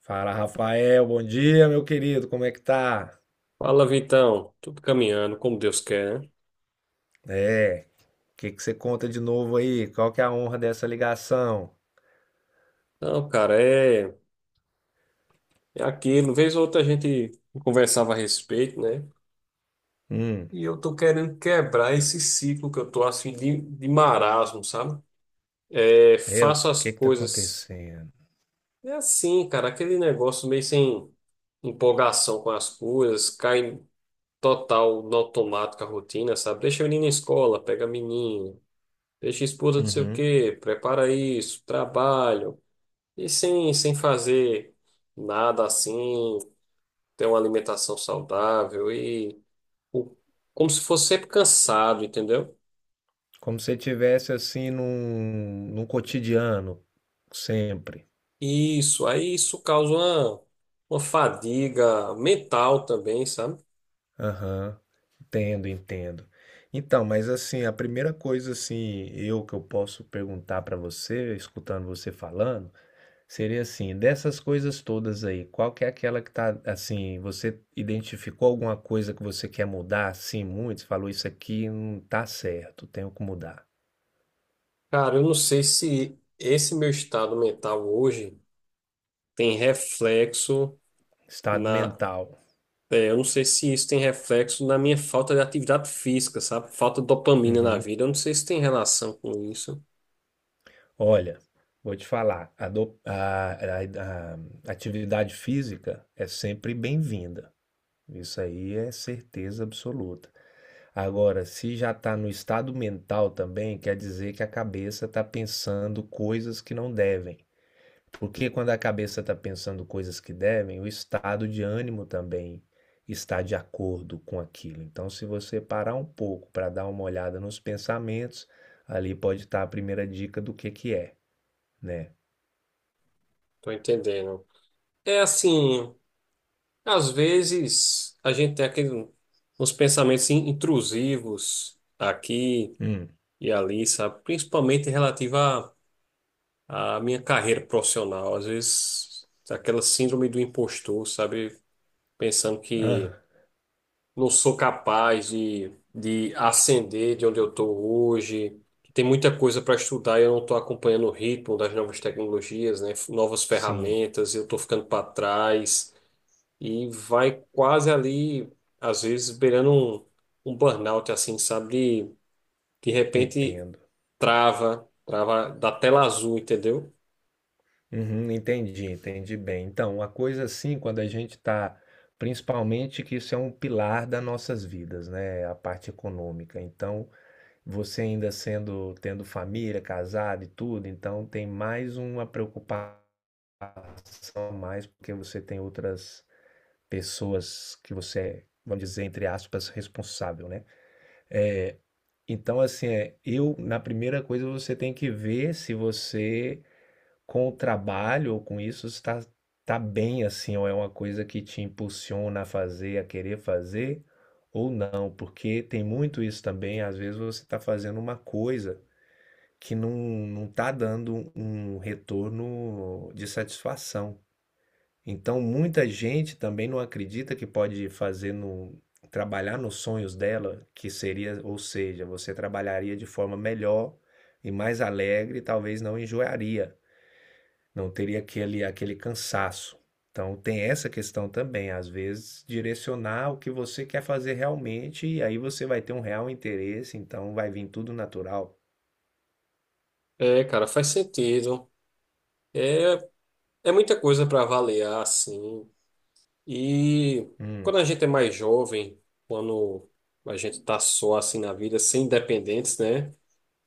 Fala, Rafael, bom dia, meu querido, como é que tá? Fala, Vitão. Tudo caminhando, como Deus quer, né? É, o que você conta de novo aí? Qual que é a honra dessa ligação? Não, cara, é, é aquilo. Vez ou outra a gente conversava a respeito, né? Hum, E eu tô querendo quebrar esse ciclo que eu tô assim de marasmo, sabe? É, é, o faço as que tá coisas. acontecendo? É assim, cara, aquele negócio meio sem empolgação com as coisas, cai total no automático a rotina, sabe? Deixa o menino na escola, pega a menina, deixa a esposa não sei o Uhum. quê, prepara isso, trabalho. E sem fazer nada assim, ter uma alimentação saudável e o- como se fosse sempre cansado, entendeu? Como se você tivesse assim num cotidiano, sempre. Isso, aí isso causa uma fadiga mental também, sabe? Aham, entendo, entendo. Então, mas assim, a primeira coisa assim, eu posso perguntar pra você, escutando você falando, seria assim, dessas coisas todas aí, qual que é aquela que tá assim, você identificou alguma coisa que você quer mudar, assim, muito? Você falou isso aqui não tá certo, tenho que mudar. Cara, eu não sei se esse meu estado mental hoje tem reflexo Estado na. mental. Eu não sei se isso tem reflexo na minha falta de atividade física, sabe? Falta de dopamina na Uhum. vida. Eu não sei se tem relação com isso. Olha, vou te falar, a, do- a atividade física é sempre bem-vinda. Isso aí é certeza absoluta. Agora, se já está no estado mental também, quer dizer que a cabeça está pensando coisas que não devem. Porque quando a cabeça está pensando coisas que devem, o estado de ânimo também está de acordo com aquilo. Então, se você parar um pouco para dar uma olhada nos pensamentos, ali pode estar a primeira dica do que é, né? Tô entendendo. É assim. Às vezes a gente tem aquele, uns pensamentos intrusivos aqui Hum. e ali, sabe? Principalmente relativo à minha carreira profissional. Às vezes aquela síndrome do impostor, sabe? Pensando Ah, que não sou capaz de ascender de onde eu estou hoje, que tem muita coisa para estudar e eu não estou acompanhando o ritmo das novas tecnologias, né? Novas sim, ferramentas, eu estou ficando para trás e vai quase ali, às vezes, beirando um burnout, assim, sabe? De repente entendo. trava da tela azul, entendeu? Uhum, entendi, entendi bem. Então, uma coisa assim, quando a gente está, principalmente que isso é um pilar das nossas vidas, né? A parte econômica. Então, você ainda sendo, tendo família, casado e tudo, então tem mais uma preocupação a mais, porque você tem outras pessoas que você é, vamos dizer, entre aspas, responsável, né? Então, assim, é, eu, na primeira coisa, você tem que ver se você, com o trabalho ou com isso, está tá bem, assim, ou é uma coisa que te impulsiona a fazer, a querer fazer, ou não, porque tem muito isso também, às vezes você está fazendo uma coisa que não tá dando um retorno de satisfação. Então, muita gente também não acredita que pode fazer no, trabalhar nos sonhos dela, que seria, ou seja, você trabalharia de forma melhor e mais alegre, e talvez não enjoaria, não teria aquele cansaço. Então, tem essa questão também, às vezes, direcionar o que você quer fazer realmente, e aí você vai ter um real interesse, então vai vir tudo natural. É, cara, faz sentido. É, é muita coisa para avaliar, assim. E Hum, quando a gente é mais jovem, quando a gente tá só assim na vida, sem dependentes, né?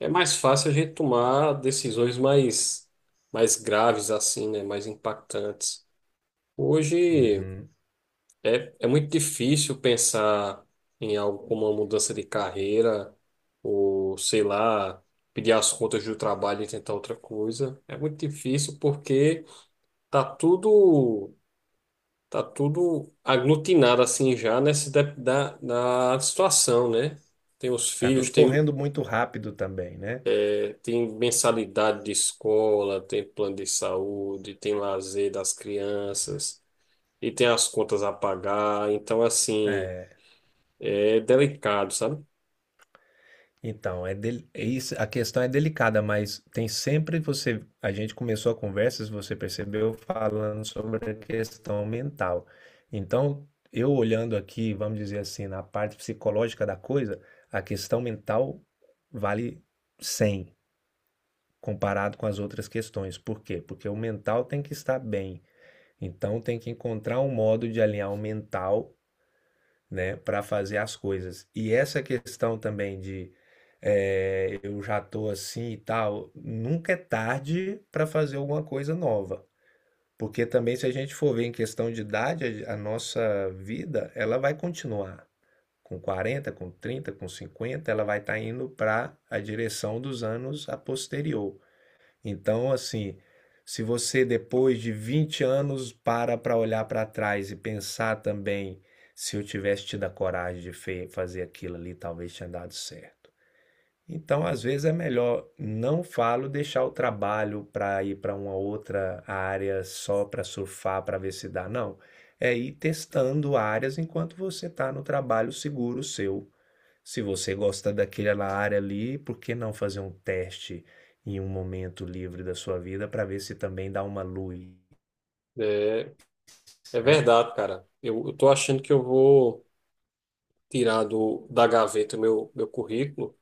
É mais fácil a gente tomar decisões mais graves, assim, né? Mais impactantes. Hoje. uhum. É, é muito difícil pensar em algo como uma mudança de carreira, ou sei lá, pedir as contas do trabalho e tentar outra coisa. É muito difícil porque tá tudo, tá tudo aglutinado assim já nessa da situação, né? Tem os Tá filhos, tudo tem, correndo muito rápido também, né? Tem mensalidade de escola, tem plano de saúde, tem lazer das crianças, e tem as contas a pagar. Então, assim, É, é delicado, sabe? então, é isso, a questão é delicada, mas tem sempre você, a gente começou a conversa, se você percebeu, falando sobre a questão mental. Então, eu olhando aqui, vamos dizer assim, na parte psicológica da coisa, a questão mental vale 100 comparado com as outras questões. Por quê? Porque o mental tem que estar bem. Então, tem que encontrar um modo de alinhar o mental, né, para fazer as coisas. E essa questão também de é, eu já tô assim e tal, nunca é tarde para fazer alguma coisa nova. Porque também, se a gente for ver em questão de idade, a nossa vida, ela vai continuar. Com 40, com 30, com 50, ela vai estar indo para a direção dos anos a posterior. Então, assim, se você depois de 20 anos para olhar para trás e pensar também, se eu tivesse tido a coragem de fazer aquilo ali, talvez tinha dado certo. Então, às vezes é melhor, não falo deixar o trabalho para ir para uma outra área só para surfar, para ver se dá, não. É ir testando áreas enquanto você está no trabalho seguro seu. Se você gosta daquela área ali, por que não fazer um teste em um momento livre da sua vida para ver se também dá uma luz, É, é né? verdade, cara. Eu tô achando que eu vou tirar da gaveta o meu currículo,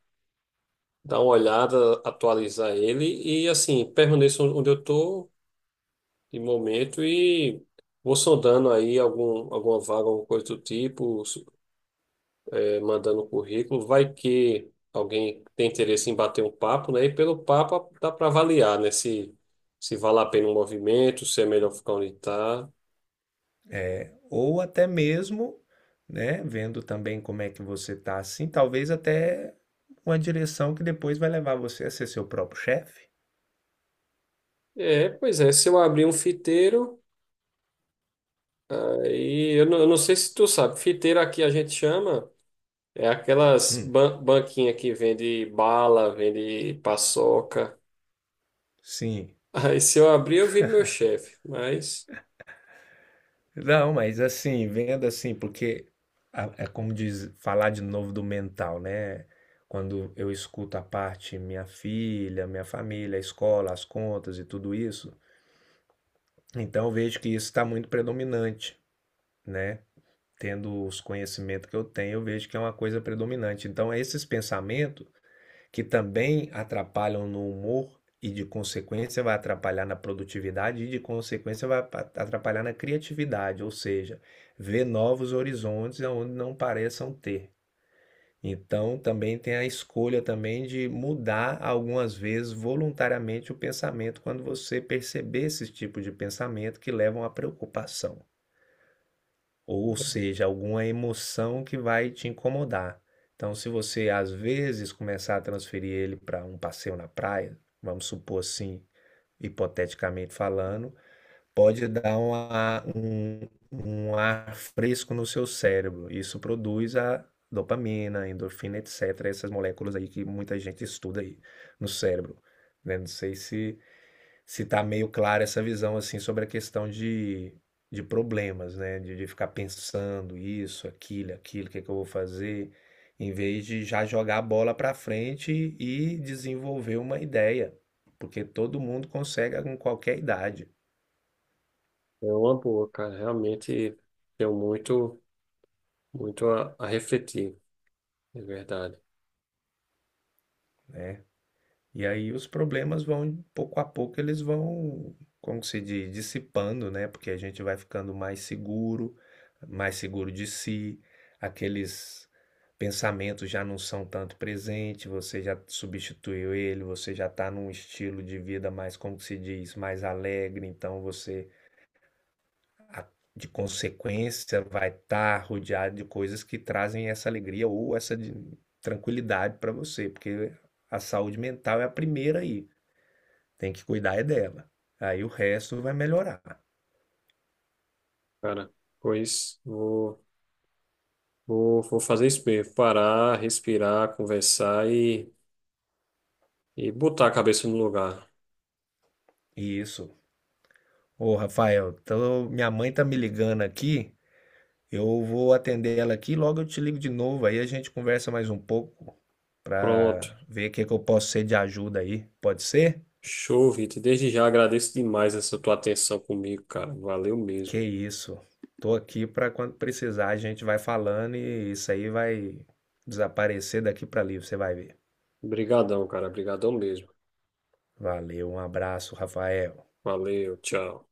dar uma olhada, atualizar ele e, assim, permaneço onde eu tô de momento e vou sondando aí algum, alguma vaga, alguma coisa do tipo, é, mandando o currículo. Vai que alguém tem interesse em bater um papo, né? E pelo papo dá para avaliar, né? Se vale a pena um movimento, se é melhor ficar onde tá. É, ou até mesmo, né, vendo também como é que você está, assim, talvez até uma direção que depois vai levar você a ser seu próprio chefe. É, pois é, se eu abrir um fiteiro. Aí, eu não sei se tu sabe, fiteira aqui a gente chama, é aquelas Hum, banquinhas que vende bala, vende paçoca. sim. Aí se eu abrir, eu viro meu chefe, mas Não, mas assim, vendo assim, porque é como diz, falar de novo do mental, né? Quando eu escuto a parte minha filha, minha família, a escola, as contas e tudo isso, então eu vejo que isso está muito predominante, né? Tendo os conhecimentos que eu tenho, eu vejo que é uma coisa predominante. Então, esses pensamentos que também atrapalham no humor e de consequência vai atrapalhar na produtividade e de consequência vai atrapalhar na criatividade, ou seja, ver novos horizontes onde não pareçam ter. Então, também tem a escolha também de mudar algumas vezes voluntariamente o pensamento quando você perceber esse tipo de pensamento que levam à preocupação. Ou seja, alguma emoção que vai te incomodar. Então, se você às vezes começar a transferir ele para um passeio na praia, vamos supor assim, hipoteticamente falando, pode dar um ar fresco no seu cérebro. Isso produz a dopamina, endorfina, etc. Essas moléculas aí que muita gente estuda aí no cérebro, né? Não sei se está meio clara essa visão assim sobre a questão de problemas, né? De ficar pensando isso, aquilo, o que é que eu vou fazer, em vez de já jogar a bola para frente e desenvolver uma ideia, porque todo mundo consegue com qualquer idade. é uma boa, cara, realmente deu muito a refletir, é verdade. E aí os problemas vão, pouco a pouco, eles vão, como se diz, dissipando, né? Porque a gente vai ficando mais seguro de si, aqueles pensamentos já não são tanto presentes, você já substituiu ele, você já está num estilo de vida mais, como se diz, mais alegre, então você, a- de consequência, vai estar rodeado de coisas que trazem essa alegria ou essa tranquilidade para você, porque a saúde mental é a primeira aí. Tem que cuidar é dela. Aí o resto vai melhorar. Cara, pois vou fazer isso mesmo, parar, respirar, conversar e botar a cabeça no lugar. Isso. Ô, Rafael, minha mãe tá me ligando aqui. Eu vou atender ela aqui, logo eu te ligo de novo. Aí a gente conversa mais um pouco Pronto. pra ver o que eu posso ser de ajuda aí. Pode ser? Show, Vitor. Desde já agradeço demais essa tua atenção comigo, cara. Valeu mesmo. Que isso. Tô aqui pra quando precisar, a gente vai falando e isso aí vai desaparecer daqui pra ali, você vai ver. Obrigadão, cara. Obrigadão mesmo. Valeu, um abraço, Rafael. Valeu, tchau.